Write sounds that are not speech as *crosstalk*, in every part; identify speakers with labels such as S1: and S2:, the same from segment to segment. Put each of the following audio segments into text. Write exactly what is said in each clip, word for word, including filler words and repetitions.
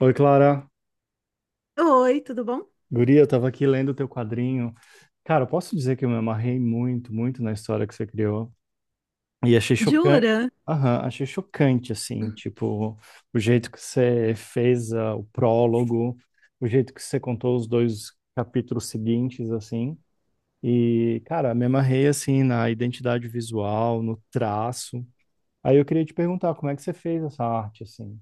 S1: Oi, Clara.
S2: Oi, tudo bom?
S1: Guria, eu tava aqui lendo o teu quadrinho. Cara, eu posso dizer que eu me amarrei muito, muito na história que você criou. E achei chocante.
S2: Jura?
S1: Aham, achei chocante, assim, tipo, o jeito que você fez ah, o prólogo, o jeito que você contou os dois capítulos seguintes, assim. E, cara, me amarrei, assim, na identidade visual, no traço. Aí eu queria te perguntar, como é que você fez essa arte, assim?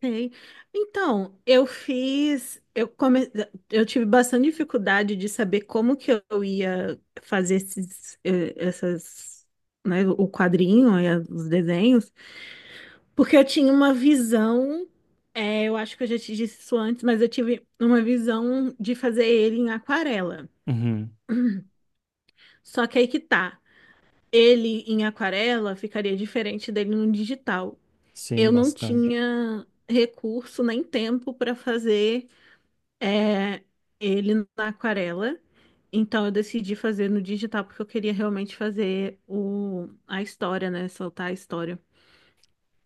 S2: Sei. Então, eu fiz, eu come... eu tive bastante dificuldade de saber como que eu ia fazer esses, eh, essas, né, o quadrinho e as- os desenhos, porque eu tinha uma visão, eh, eu acho que eu já te disse isso antes, mas eu tive uma visão de fazer ele em aquarela.
S1: Uhum.
S2: Só que aí que tá, ele em aquarela ficaria diferente dele no digital.
S1: Sim,
S2: Eu não
S1: bastante.
S2: tinha recurso nem tempo para fazer é, ele na aquarela. Então eu decidi fazer no digital porque eu queria realmente fazer o, a história, né? Soltar a história.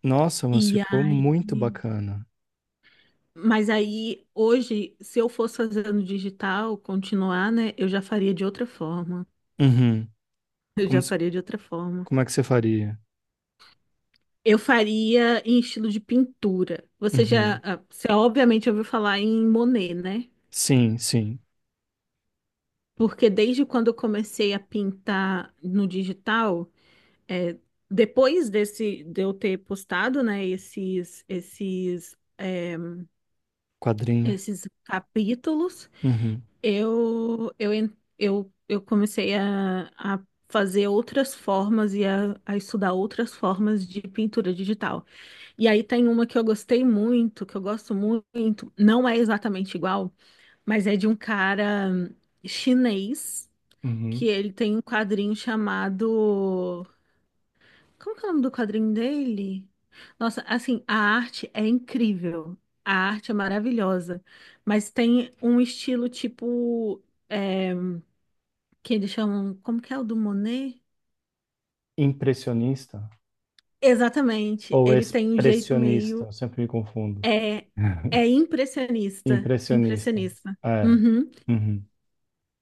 S1: Nossa, mas
S2: E
S1: ficou
S2: aí,
S1: muito bacana.
S2: mas aí hoje, se eu fosse fazer no digital, continuar, né? Eu já faria de outra forma.
S1: Uhum.
S2: Eu já
S1: Como, se-
S2: faria de outra forma.
S1: como é que você faria?
S2: Eu faria em estilo de pintura.
S1: Uhum.
S2: Você já,
S1: Uhum.
S2: ah, você obviamente ouviu falar em Monet, né?
S1: Sim, sim.
S2: Porque desde quando eu comecei a pintar no digital, é, depois desse de eu ter postado, né, esses esses é,
S1: Quadrinho.
S2: esses capítulos,
S1: Uhum.
S2: eu eu en- eu, eu comecei a, a fazer outras formas e a, a estudar outras formas de pintura digital. E aí tem uma que eu gostei muito, que eu gosto muito, não é exatamente igual, mas é de um cara chinês que
S1: Uhum.
S2: ele tem um quadrinho chamado. Como que é o nome do quadrinho dele? Nossa, assim, a arte é incrível. A arte é maravilhosa. Mas tem um estilo tipo. é, que eles chamam. Como que é o do Monet?
S1: Impressionista
S2: Exatamente.
S1: ou
S2: Ele tem um jeito
S1: expressionista?
S2: meio.
S1: Eu sempre me confundo.
S2: É, é
S1: *laughs*
S2: impressionista.
S1: Impressionista.
S2: Impressionista.
S1: É.
S2: Uhum.
S1: Uhum.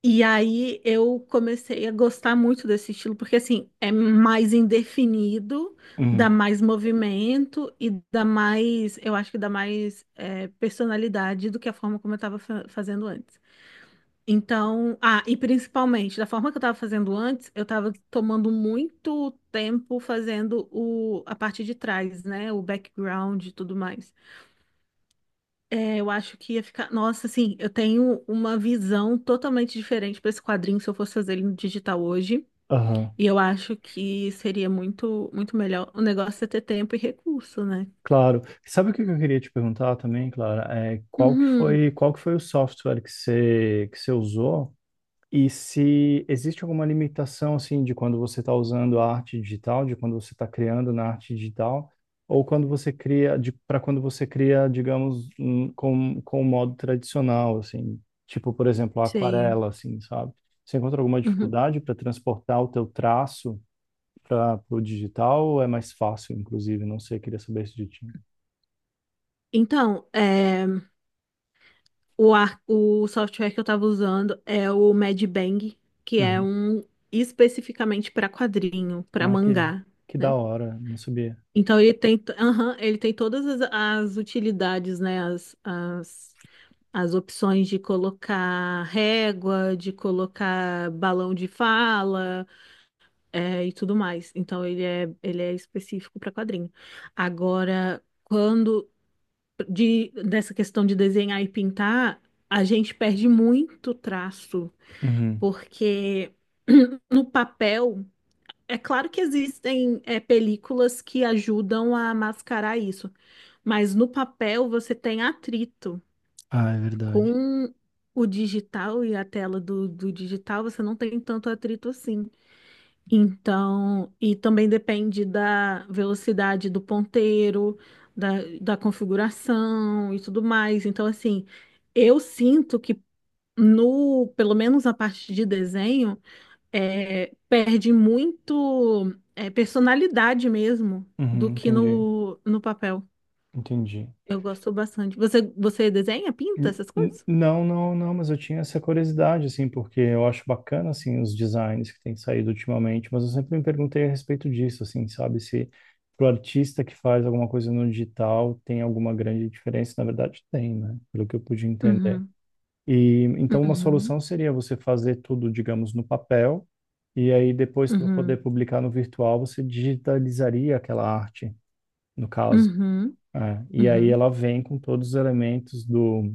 S2: E aí eu comecei a gostar muito desse estilo, porque assim, é mais indefinido, dá
S1: Uhum.
S2: mais movimento e dá mais, eu acho que dá mais é, personalidade do que a forma como eu estava fazendo antes. Então, ah, e principalmente, da forma que eu estava fazendo antes, eu estava tomando muito tempo fazendo o, a parte de trás, né? O background e tudo mais. É, eu acho que ia ficar. Nossa, assim, eu tenho uma visão totalmente diferente para esse quadrinho se eu fosse fazer ele no digital hoje.
S1: Aham.
S2: E eu acho que seria muito, muito melhor. O negócio é ter tempo e recurso, né?
S1: Claro. Sabe o que eu queria te perguntar também, Clara? É, qual que
S2: Uhum,
S1: foi, qual que foi o software que você, que você usou? E se existe alguma limitação, assim, de quando você está usando a arte digital, de quando você está criando na arte digital, ou quando você cria, para quando você cria, digamos, um- com, com o modo tradicional, assim, tipo, por exemplo, a
S2: sei.
S1: aquarela, assim, sabe? Você encontra alguma
S2: Uhum.
S1: dificuldade para transportar o teu traço para o digital, ou é mais fácil, inclusive? Não sei, queria saber isso de ti.
S2: Então, é, o, ar- o software que eu estava usando é o Medbang, que é
S1: Uhum.
S2: um especificamente para quadrinho, para
S1: Ah, que,
S2: mangá,
S1: que da
S2: né?
S1: hora, não sabia.
S2: Então ele tem, aham, ele tem todas as, as utilidades, né? As, as as opções de colocar régua, de colocar balão de fala, é, e tudo mais. Então ele é, ele é específico para quadrinho. Agora, quando de, dessa questão de desenhar e pintar, a gente perde muito traço,
S1: Uhum.
S2: porque *clears throat* no papel é claro que existem é, películas que ajudam a mascarar isso, mas no papel você tem atrito
S1: Ah, é verdade.
S2: com o digital e a tela do, do digital, você não tem tanto atrito assim. Então, e também depende da velocidade do ponteiro, da, da configuração e tudo mais. Então, assim, eu sinto que no, pelo menos na parte de desenho, é, perde muito, é, personalidade mesmo
S1: Uhum,
S2: do que
S1: entendi,
S2: no, no papel.
S1: entendi.
S2: Eu gosto bastante. Você, você desenha, pinta
S1: N-
S2: essas
S1: n-
S2: coisas?
S1: Não, não, não, mas eu tinha essa curiosidade, assim, porque eu acho bacana, assim, os designs que têm saído ultimamente, mas eu sempre me perguntei a respeito disso, assim, sabe, se pro artista que faz alguma coisa no digital tem alguma grande diferença, na verdade tem, né, pelo que eu pude entender.
S2: Uhum,
S1: E, então, uma
S2: uhum.
S1: solução seria você fazer tudo, digamos, no papel, e aí depois, para poder
S2: Uhum,
S1: publicar no virtual, você digitalizaria aquela arte, no caso.
S2: uhum,
S1: É, e aí
S2: uhum,
S1: ela vem com todos os elementos do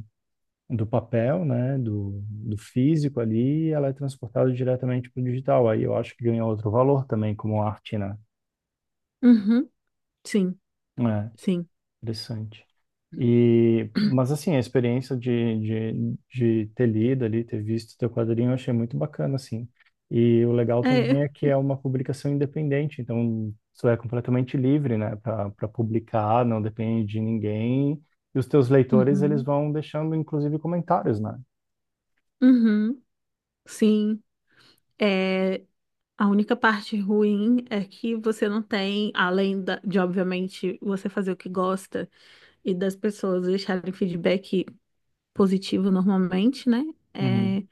S1: do papel, né, do, do físico ali, e ela é transportada diretamente para o digital. Aí eu acho que ganha outro valor também como arte, né?
S2: uhum, sim,
S1: É,
S2: sim,
S1: interessante. E, mas assim, a experiência de, de, de ter lido ali, ter visto teu quadrinho, eu achei muito bacana, assim. E o legal também
S2: é,
S1: é que é uma publicação independente, então tu é completamente livre, né, para publicar, não depende de ninguém. E os teus leitores, eles
S2: uhum,
S1: vão deixando, inclusive, comentários, né?
S2: uhum, sim, é, a única parte ruim é que você não tem, além da- de, obviamente, você fazer o que gosta e das pessoas deixarem feedback positivo normalmente, né,
S1: Uhum.
S2: é,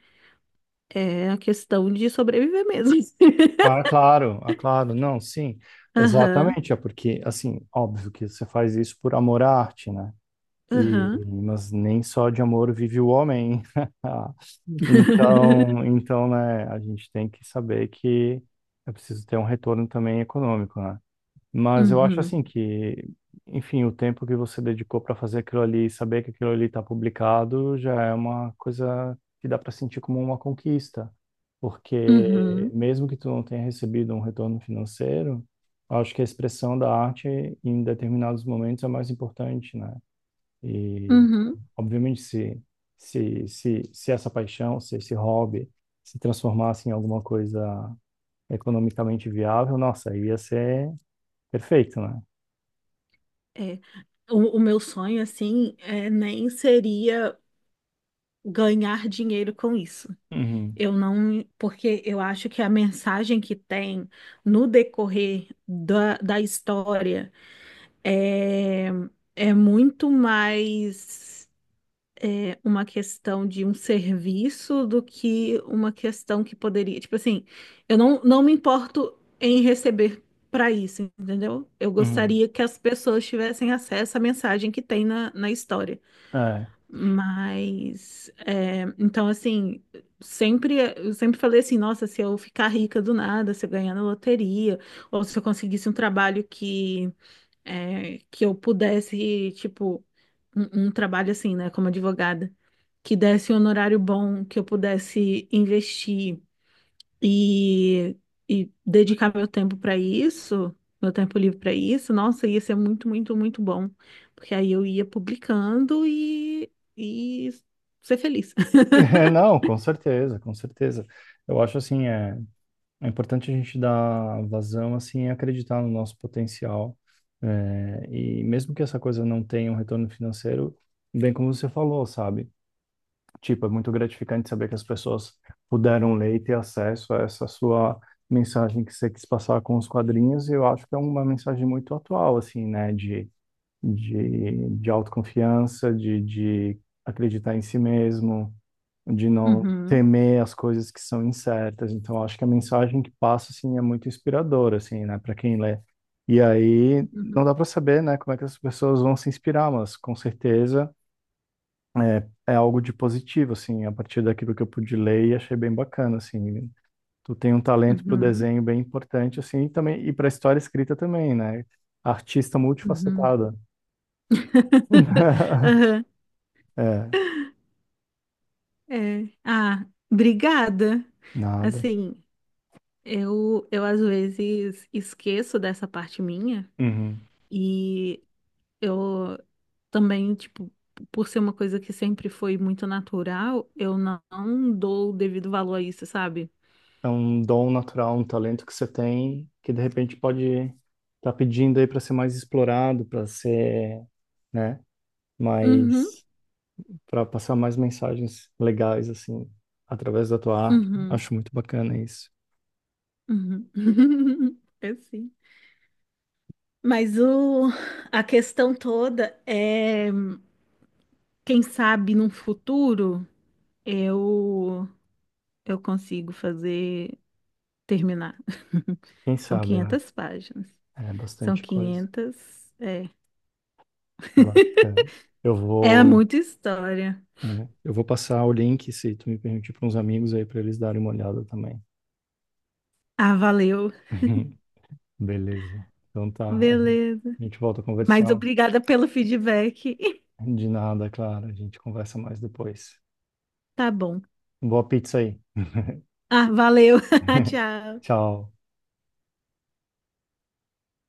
S2: é a questão de sobreviver mesmo. *laughs*
S1: Ah, claro, ah, claro, não, sim,
S2: Aham,
S1: exatamente, é porque, assim, óbvio que você faz isso por amor à arte, né? E,
S2: aham,
S1: mas nem só de amor vive o homem. *laughs* Então,
S2: *laughs*
S1: então, né, a gente tem que saber que é preciso ter um retorno também econômico, né? Mas eu acho
S2: uhum,
S1: assim que, enfim, o tempo que você dedicou para fazer aquilo ali, e saber que aquilo ali está publicado, já é uma coisa que dá para sentir como uma conquista, porque
S2: uhum,
S1: mesmo que tu não tenha recebido um retorno financeiro, eu acho que a expressão da arte em determinados momentos é mais importante, né? E
S2: uhum.
S1: obviamente se se se, se essa paixão, se esse hobby se transformasse em alguma coisa economicamente viável, nossa, ia ser perfeito, né?
S2: É, o, o meu sonho, assim, é, nem seria ganhar dinheiro com isso.
S1: Uhum,
S2: Eu não, porque eu acho que a mensagem que tem no decorrer da, da história é, é muito mais é, uma questão de um serviço do que uma questão que poderia. Tipo assim, eu não, não me importo em receber para isso, entendeu? Eu
S1: uhum.
S2: gostaria que as pessoas tivessem acesso à mensagem que tem na, na história.
S1: É. *laughs*
S2: Mas, é, então, assim, sempre, eu sempre falei assim: nossa, se eu ficar rica do nada, se eu ganhar na loteria, ou se eu conseguisse um trabalho que, é, que eu pudesse, tipo, um um trabalho assim, né, como advogada que desse um honorário bom, que eu pudesse investir e, e dedicar meu tempo para isso, meu tempo livre para isso, nossa, ia ser muito, muito, muito bom. Porque aí eu ia publicando e, e ser feliz. *laughs*
S1: Não, com certeza, com certeza. Eu acho assim, é, é importante a gente dar vazão, assim, e acreditar no nosso potencial. É, e mesmo que essa coisa não tenha um retorno financeiro, bem como você falou, sabe? Tipo, é muito gratificante saber que as pessoas puderam ler e ter acesso a essa sua mensagem que você quis passar com os quadrinhos, e eu acho que é uma mensagem muito atual, assim, né? De de, de autoconfiança, de, de acreditar em si mesmo, de não
S2: Uhum,
S1: temer as coisas que são incertas. Então, eu acho que a mensagem que passa, assim, é muito inspiradora, assim, né, para quem lê. E aí, não
S2: uhum,
S1: dá para saber, né, como é que as pessoas vão se inspirar, mas com certeza é, é algo de positivo, assim, a partir daquilo que eu pude ler e achei bem bacana, assim. Tu tem um talento para o
S2: uhum,
S1: desenho bem importante, assim, e também, e para a história escrita também, né? Artista
S2: uhum.
S1: multifacetada.
S2: *laughs*
S1: *laughs*
S2: Aham,
S1: É,
S2: é. Ah, obrigada.
S1: nada.
S2: Assim, eu, eu às vezes esqueço dessa parte minha
S1: Uhum.
S2: e eu também, tipo, por ser uma coisa que sempre foi muito natural, eu não não dou o devido valor a isso, sabe?
S1: É um dom natural, um talento que você tem, que de repente pode estar pedindo aí para ser mais explorado, para ser, né,
S2: Uhum,
S1: mais, para passar mais mensagens legais, assim, através da tua arte.
S2: uhum,
S1: Acho muito bacana isso.
S2: uhum. *laughs* É sim. Mas o, a questão toda é, quem sabe num futuro eu eu consigo fazer terminar. *laughs*
S1: Quem
S2: São
S1: sabe, né?
S2: quinhentas páginas.
S1: É
S2: São
S1: bastante coisa.
S2: quinhentas é.
S1: Bacana. Eu
S2: É
S1: vou,
S2: muita história.
S1: é, eu vou passar o link, se tu me permitir, para uns amigos aí, para eles darem uma olhada também.
S2: Ah, valeu.
S1: *laughs* Beleza. Então tá, a gente
S2: Beleza.
S1: a gente volta a
S2: Mas
S1: conversar.
S2: obrigada pelo feedback. *laughs*
S1: De nada, claro. A gente conversa mais depois.
S2: Tá bom.
S1: Boa pizza aí.
S2: Ah, valeu. *laughs*
S1: *laughs*
S2: Tchau.
S1: Tchau.